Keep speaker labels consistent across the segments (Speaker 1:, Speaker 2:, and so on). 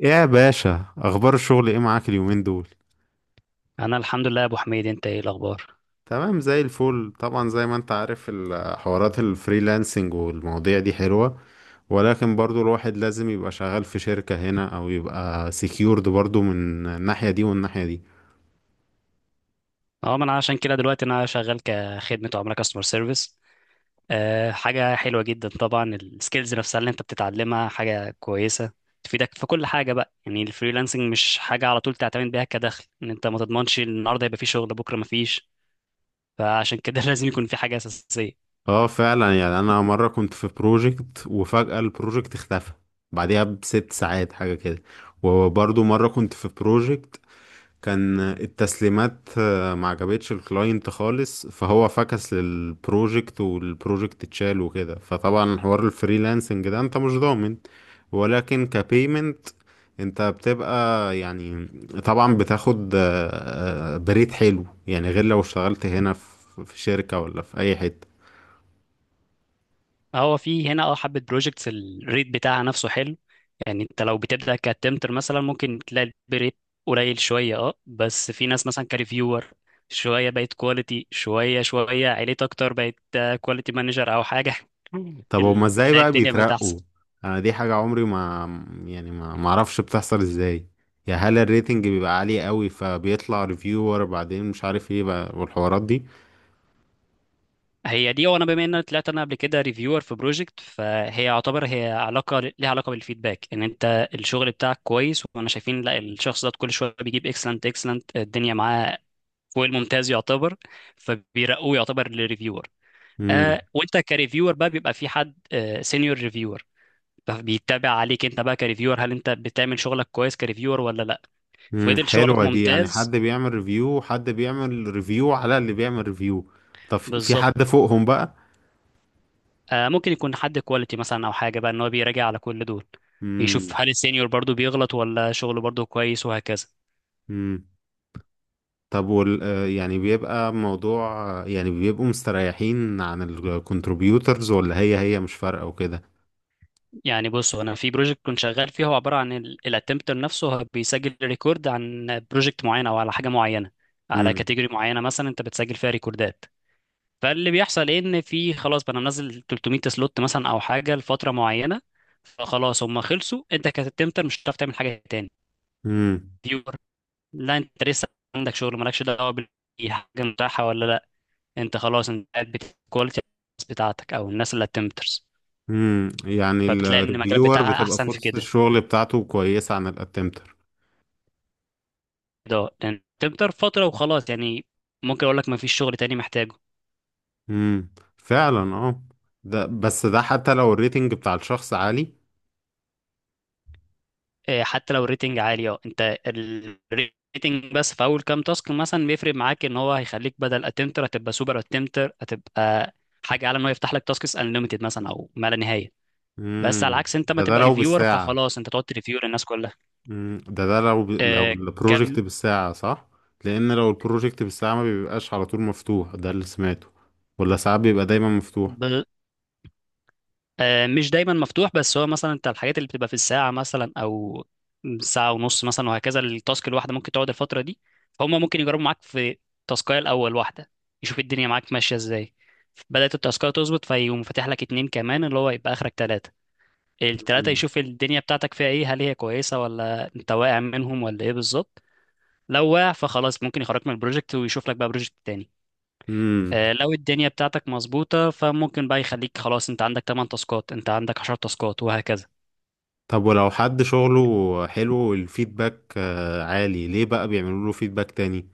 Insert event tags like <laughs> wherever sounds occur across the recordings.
Speaker 1: يا باشا، اخبار الشغل ايه معاك اليومين دول؟
Speaker 2: انا الحمد لله يا ابو حميد، انت ايه الاخبار؟
Speaker 1: تمام زي الفل. طبعا زي ما انت عارف حوارات الفريلانسنج والمواضيع دي حلوة، ولكن برضو الواحد لازم يبقى شغال في شركة هنا او يبقى سكيورد برضو من الناحية دي والناحية دي.
Speaker 2: اه ما انا عشان كده دلوقتي انا شغال كخدمه عملاء كاستمر سيرفيس. حاجه حلوه جدا طبعا، السكيلز نفسها اللي انت بتتعلمها حاجه كويسه تفيدك في كل حاجه بقى. يعني الفريلانسنج مش حاجه على طول تعتمد بيها كدخل، ان انت ما تضمنش النهارده يبقى في شغل بكره ما فيش. فعشان كده <laughs> لازم يكون في حاجه اساسيه.
Speaker 1: اه فعلا. يعني انا مرة كنت في بروجكت وفجأة البروجكت اختفى بعديها بست ساعات حاجة كده. وبرضو مرة كنت في بروجكت، كان التسليمات ما عجبتش الكلاينت خالص، فهو فكس للبروجكت والبروجكت اتشال وكده. فطبعا حوار الفريلانسنج ده انت مش ضامن، ولكن كبيمنت انت بتبقى يعني طبعا بتاخد بريد حلو، يعني غير لو اشتغلت هنا في شركة ولا في اي حتة.
Speaker 2: هو في هنا اه حبة بروجكتس الريت بتاعها نفسه حلو. يعني انت لو بتبدأ كتمتر مثلا ممكن تلاقي الريت قليل شوية، اه بس في ناس مثلا كريفيور شوية بقت كواليتي، شوية شوية عليت أكتر بقت كواليتي مانجر أو حاجة. <laughs>
Speaker 1: طب هما ازاي
Speaker 2: بتلاقي
Speaker 1: بقى
Speaker 2: الدنيا بقت أحسن.
Speaker 1: بيترقوا؟ انا دي حاجة عمري ما يعني ما اعرفش بتحصل ازاي. يا هل الريتنج بيبقى عالي قوي فبيطلع ريفيور بعدين مش عارف ايه بقى والحوارات دي؟
Speaker 2: هي دي. وأنا بما إن أنا طلعت أنا قبل كده ريفيور في بروجكت، فهي يعتبر هي علاقة، ليها علاقة بالفيدباك إن أنت الشغل بتاعك كويس، وأنا شايفين لا الشخص ده كل شوية بيجيب اكسلنت اكسلنت، الدنيا معاه فوق الممتاز يعتبر، فبيرقوه يعتبر للريفيور.
Speaker 1: امم
Speaker 2: وانت كريفيور بقى بيبقى في حد سينيور ريفيور فبيتابع عليك انت بقى كريفيور، هل انت بتعمل شغلك كويس كريفيور ولا لا.
Speaker 1: امم،
Speaker 2: فضل شغلك
Speaker 1: حلوة دي. يعني
Speaker 2: ممتاز.
Speaker 1: حد بيعمل ريفيو وحد بيعمل ريفيو على اللي بيعمل ريفيو؟ طب في حد
Speaker 2: بالظبط.
Speaker 1: فوقهم بقى؟
Speaker 2: آه ممكن يكون حد كواليتي مثلا او حاجه بقى ان هو بيراجع على كل دول،
Speaker 1: امم.
Speaker 2: يشوف هل السينيور برضو بيغلط ولا شغله برضو كويس، وهكذا.
Speaker 1: امم. طب وال يعني بيبقى موضوع يعني بيبقوا مستريحين عن الكونتريبيوترز ولا هي مش فارقة وكده؟
Speaker 2: يعني بص، هو انا في بروجكت كنت شغال فيه هو عباره عن الاتمبتر نفسه، هو بيسجل ريكورد عن بروجكت معين او على حاجه معينه، على
Speaker 1: امم
Speaker 2: كاتيجوري معينه مثلا انت بتسجل فيها ريكوردات. فاللي بيحصل ايه، ان في خلاص بقى انا منزل 300 سلوت مثلا او حاجه لفتره معينه، فخلاص هم خلصوا، انت كاتمتر مش هتعرف تعمل حاجه تاني.
Speaker 1: امم
Speaker 2: فيور لا انت لسه عندك شغل، مالكش دعوه حاجه متاحه ولا لا، انت خلاص انت قاعد بتكواليتي بتاعتك او الناس اللي اتمترز.
Speaker 1: امم، يعني
Speaker 2: فبتلاقي ان المجال
Speaker 1: الريفيور
Speaker 2: بتاعها
Speaker 1: بتبقى
Speaker 2: احسن في
Speaker 1: فرصة
Speaker 2: كده،
Speaker 1: الشغل بتاعته كويسة عن الاتمتر.
Speaker 2: ده لان تكتر فتره وخلاص يعني، ممكن اقول لك ما فيش شغل تاني محتاجه.
Speaker 1: امم، فعلا اه. ده بس ده حتى لو الريتنج بتاع الشخص عالي.
Speaker 2: إيه، حتى لو الريتنج عالي اه، انت الريتنج بس في اول كام تاسك مثلا بيفرق معاك، ان هو هيخليك بدل اتمتر هتبقى سوبر اتمتر، هتبقى حاجه اعلى، ان هو يفتح لك تاسكس انليمتد مثلا او ما لا نهايه. بس على
Speaker 1: امم،
Speaker 2: عكس انت ما
Speaker 1: ده
Speaker 2: تبقى
Speaker 1: لو
Speaker 2: ريفيور
Speaker 1: بالساعة.
Speaker 2: فخلاص انت تقعد تريفيو للناس كلها.
Speaker 1: امم، ده لو
Speaker 2: إيه،
Speaker 1: البروجكت
Speaker 2: كم؟
Speaker 1: بالساعة صح؟ لان لو البروجكت بالساعة ما بيبقاش على طول مفتوح، ده اللي سمعته، ولا ساعات بيبقى دايما مفتوح؟
Speaker 2: آه، مش دايما مفتوح، بس هو مثلا انت الحاجات اللي بتبقى في الساعة مثلا او ساعة ونص مثلا وهكذا، التاسك الواحدة ممكن تقعد الفترة دي. فهم ممكن يجربوا معاك في تاسكاية الأول واحدة، يشوف الدنيا معاك ماشية ازاي. بدأت التاسكاية تظبط فيقوم فاتح لك اتنين كمان، اللي هو يبقى آخرك تلاتة. التلاتة
Speaker 1: امم
Speaker 2: يشوف الدنيا بتاعتك فيها ايه، هل هي كويسة ولا انت واقع منهم ولا ايه بالظبط. لو واقع فخلاص ممكن يخرجك من البروجكت ويشوف لك بقى بروجكت تاني.
Speaker 1: امم.
Speaker 2: آه، لو الدنيا بتاعتك مظبوطة فممكن بقى يخليك خلاص انت عندك 8 تاسكات، انت عندك 10 تاسكات وهكذا.
Speaker 1: طب ولو حد شغله حلو والفيدباك عالي ليه بقى بيعملوا له فيدباك تاني؟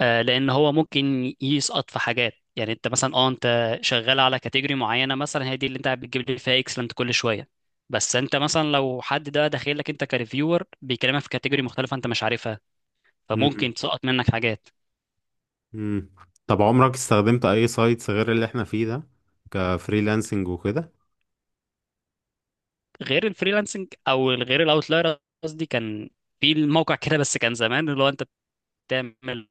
Speaker 2: آه، لان هو ممكن يسقط في حاجات، يعني انت مثلا اه انت شغال على كاتيجوري معينة مثلا، هي دي اللي انت بتجيب لي فيها اكسلنت كل شوية. بس انت مثلا لو حد ده داخل لك انت كريفيور بيكلمك في كاتيجوري مختلفة انت مش عارفها، فممكن تسقط منك حاجات.
Speaker 1: مم. طب عمرك استخدمت اي سايتس غير اللي احنا فيه ده كفريلانسنج وكده؟
Speaker 2: غير الفريلانسنج او غير الاوتلاير؟ قصدي كان في الموقع كده بس كان زمان اللي هو انت تعمل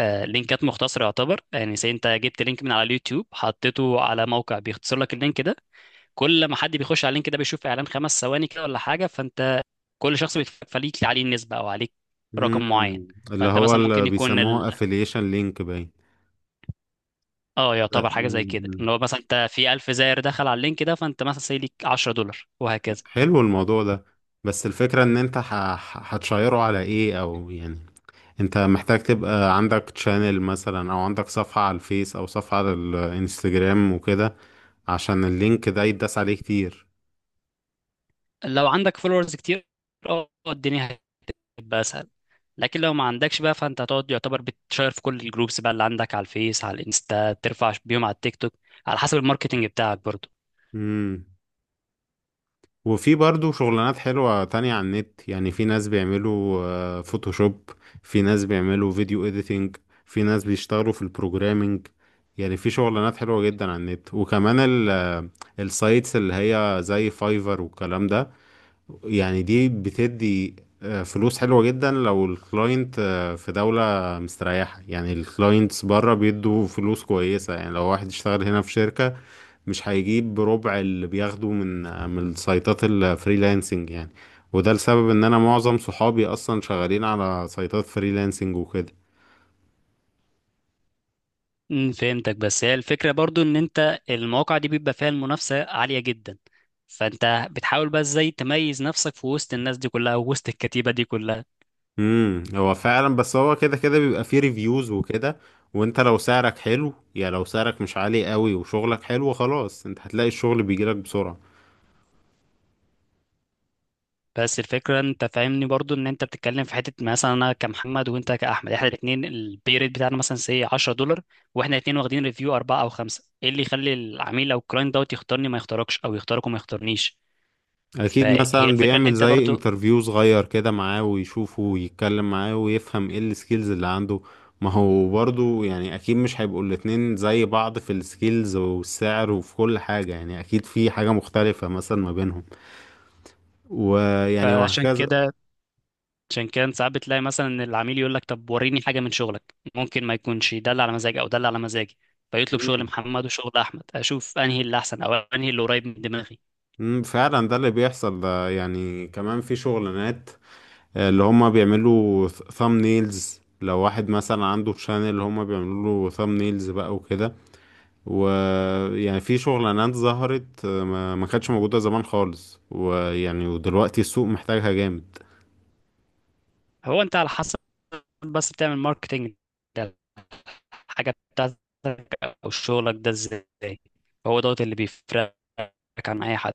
Speaker 2: لينكات مختصرة يعتبر، يعني زي انت جبت لينك من على اليوتيوب حطيته على موقع بيختصر لك اللينك ده، كل ما حد بيخش على اللينك ده بيشوف اعلان خمس ثواني كده ولا حاجة، فانت كل شخص بيتفق فليك عليه نسبة، او عليك رقم معين.
Speaker 1: مم. اللي
Speaker 2: فانت
Speaker 1: هو
Speaker 2: مثلا
Speaker 1: اللي
Speaker 2: ممكن يكون ال...
Speaker 1: بيسموه افيليشن لينك باين.
Speaker 2: اه يعتبر
Speaker 1: لا،
Speaker 2: حاجة زي كده،
Speaker 1: مم.
Speaker 2: ان هو مثلا انت في 1000 زائر دخل على اللينك ده، فانت مثلا سي ليك $10 وهكذا.
Speaker 1: حلو الموضوع ده، بس الفكرة ان انت هتشيره على ايه، او يعني انت محتاج تبقى عندك تشانل مثلا او عندك صفحة على الفيس او صفحة على الانستجرام وكده عشان اللينك ده يتداس عليه كتير.
Speaker 2: لو عندك فولورز كتير اه الدنيا يبقى اسهل. لكن لو ما عندكش بقى فانت هتقعد يعتبر بتشير في كل الجروبس بقى اللي عندك، على الفيس على الانستا، ترفع بيهم على التيك توك، على حسب الماركتنج بتاعك برضو.
Speaker 1: مم. وفي برضو شغلانات حلوة تانية على النت، يعني في ناس بيعملوا فوتوشوب، في ناس بيعملوا فيديو اديتنج، في ناس بيشتغلوا في البروجرامينج. يعني في شغلانات حلوة جدا على النت، وكمان ال السايتس اللي هي زي فايفر والكلام ده يعني دي بتدي فلوس حلوة جدا لو الكلاينت في دولة مستريحة. يعني الكلاينتس بره بيدوا فلوس كويسة. يعني لو واحد اشتغل هنا في شركة مش هيجيب بربع اللي بياخده من من سايتات الفريلانسنج يعني. وده لسبب ان انا معظم صحابي اصلا شغالين على سايتات فريلانسنج وكده.
Speaker 2: فهمتك. بس هي الفكرة برضو، ان انت المواقع دي بيبقى فيها المنافسة عالية جدا، فانت بتحاول بقى ازاي تميز نفسك في وسط الناس دي كلها ووسط الكتيبة دي كلها.
Speaker 1: امم، هو فعلا، بس هو كده كده بيبقى فيه ريفيوز وكده، وانت لو سعرك حلو، يعني لو سعرك مش عالي قوي وشغلك حلو، خلاص انت هتلاقي الشغل بيجيلك بسرعة.
Speaker 2: بس الفكرة انت فاهمني برضو، ان انت بتتكلم في حتة مثلا انا كمحمد وانت كأحمد، احنا الاثنين البي ريت بتاعنا مثلا سي $10، واحنا الاثنين واخدين ريفيو أربعة او خمسة، ايه اللي يخلي العميل او الكلاينت دوت يختارني ما يختاركش او يختارك وما يختارنيش؟
Speaker 1: اكيد
Speaker 2: فهي
Speaker 1: مثلا
Speaker 2: الفكرة ان
Speaker 1: بيعمل
Speaker 2: انت
Speaker 1: زي
Speaker 2: برضو.
Speaker 1: انترفيو صغير كده معاه ويشوفه ويتكلم معاه ويفهم ايه السكيلز اللي عنده. ما هو برضو يعني اكيد مش هيبقوا الاتنين زي بعض في السكيلز والسعر وفي كل حاجة، يعني اكيد في حاجة مختلفة مثلا ما بينهم، ويعني
Speaker 2: فعشان
Speaker 1: وهكذا.
Speaker 2: كده عشان كده انت ساعات بتلاقي مثلا ان العميل يقول لك طب وريني حاجة من شغلك، ممكن ما يكونش ده اللي على مزاجي او ده اللي على مزاجي، فيطلب شغل
Speaker 1: مم.
Speaker 2: محمد وشغل احمد، اشوف انهي اللي احسن او انهي اللي قريب من دماغي.
Speaker 1: مم، فعلا ده اللي بيحصل. ده يعني كمان في شغلانات اللي هما بيعملوا ثامنيلز، لو واحد مثلا عنده شانل اللي هما بيعملوا له ثامنيلز بقى وكده. ويعني في شغلانات ظهرت ما كانتش موجودة زمان خالص، ويعني ودلوقتي السوق محتاجها جامد.
Speaker 2: هو انت على حسب بس بتعمل ماركتنج حاجة بتاعتك أو شغلك ده إزاي، هو دوت اللي بيفرقك عن أي حد.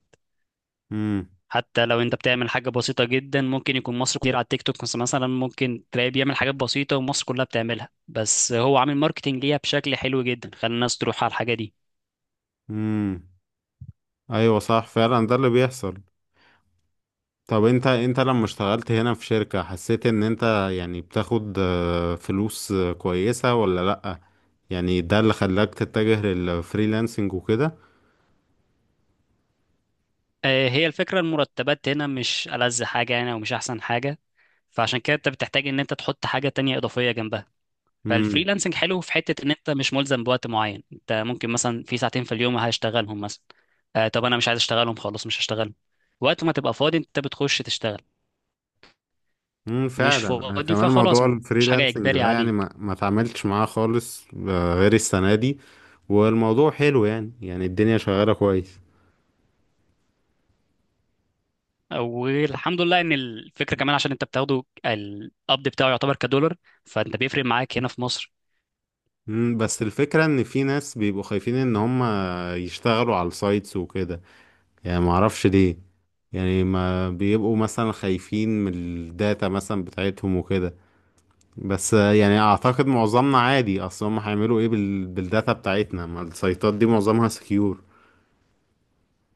Speaker 1: امم
Speaker 2: حتى لو أنت بتعمل حاجة بسيطة جدا ممكن يكون مصر كتير على التيك توك بس مثلا ممكن تلاقيه بيعمل حاجات بسيطة ومصر كلها بتعملها، بس هو عامل ماركتينج ليها بشكل حلو جدا خلى الناس تروح على الحاجة دي.
Speaker 1: امم، ايوه صح، فعلا ده اللي بيحصل. طب انت لما اشتغلت هنا في شركة، حسيت ان انت يعني بتاخد فلوس كويسة ولا لأ؟ يعني ده اللي خلاك تتجه للفريلانسنج وكده؟
Speaker 2: آه، هي الفكرة المرتبات هنا مش ألذ حاجة يعني، ومش أحسن حاجة، فعشان كده أنت بتحتاج إن أنت تحط حاجة تانية إضافية جنبها. فالفريلانسنج حلو في حته ان انت مش ملزم بوقت معين، انت ممكن مثلا في ساعتين في اليوم هشتغلهم مثلا. آه طب انا مش عايز اشتغلهم، خلاص مش هشتغلهم. وقت ما تبقى فاضي انت بتخش تشتغل،
Speaker 1: امم،
Speaker 2: مش
Speaker 1: فعلا. انا
Speaker 2: فاضي
Speaker 1: كمان
Speaker 2: فخلاص
Speaker 1: موضوع
Speaker 2: مش حاجه
Speaker 1: الفريلانسنج
Speaker 2: اجباري
Speaker 1: ده يعني
Speaker 2: عليك.
Speaker 1: ما اتعاملتش معاه خالص غير السنه دي. والموضوع حلو، يعني يعني الدنيا شغاله كويس.
Speaker 2: والحمد لله ان الفكره كمان، عشان انت بتاخده القبض بتاعه يعتبر كدولار، فانت بيفرق معاك هنا في مصر.
Speaker 1: امم، بس الفكره ان في ناس بيبقوا خايفين ان هم يشتغلوا على السايتس وكده، يعني ما اعرفش ليه. يعني ما بيبقوا مثلا خايفين من الداتا مثلا بتاعتهم وكده، بس يعني اعتقد معظمنا عادي. اصل هم هيعملوا ايه بالداتا بتاعتنا؟ ما السايتات دي معظمها سكيور.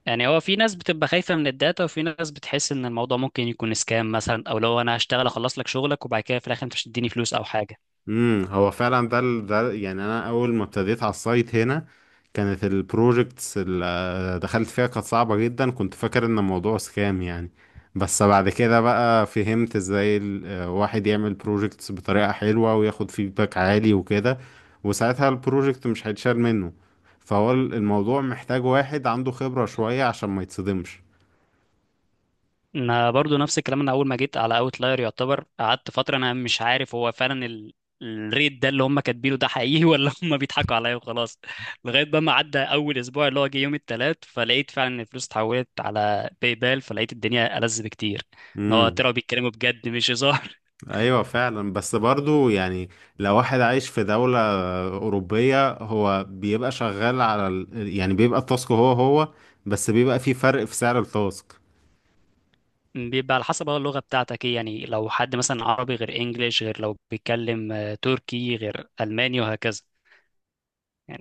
Speaker 2: يعني هو في ناس بتبقى خايفه من الداتا، وفي ناس بتحس ان الموضوع ممكن يكون سكام مثلا، او لو انا هشتغل اخلص لك شغلك وبعد كده في الاخر انت مش تديني فلوس او حاجه.
Speaker 1: امم، هو فعلا ده ده يعني انا اول ما ابتديت على السايت هنا، كانت البروجكتس اللي دخلت فيها كانت صعبة جدا، كنت فاكر ان الموضوع سكام يعني. بس بعد كده بقى فهمت ازاي الواحد يعمل بروجكتس بطريقة حلوة وياخد فيدباك عالي وكده، وساعتها البروجكت مش هيتشال منه. فهو الموضوع محتاج واحد عنده خبرة شوية عشان ما يتصدمش.
Speaker 2: انا برضو نفس الكلام، انا اول ما جيت على اوتلاير يعتبر قعدت فتره انا مش عارف هو فعلا ال... الريت ده اللي هم كاتبينه ده حقيقي، ولا <laughs> هم بيضحكوا عليا وخلاص. لغايه بقى ما عدى اول اسبوع اللي هو جه يوم الثلاث، فلقيت فعلا ان الفلوس اتحولت على باي بال، فلقيت الدنيا ألذ بكتير، ان هو
Speaker 1: امم،
Speaker 2: طلعوا بيتكلموا بجد مش هزار.
Speaker 1: ايوه فعلا. بس برضو يعني لو واحد عايش في دولة أوروبية، هو بيبقى شغال على يعني بيبقى التاسك هو هو، بس بيبقى في فرق في سعر التاسك.
Speaker 2: <laughs> بيبقى على حسب بقى اللغه بتاعتك ايه، يعني لو حد مثلا عربي غير انجليش، غير لو بيتكلم تركي، غير الماني وهكذا يعني.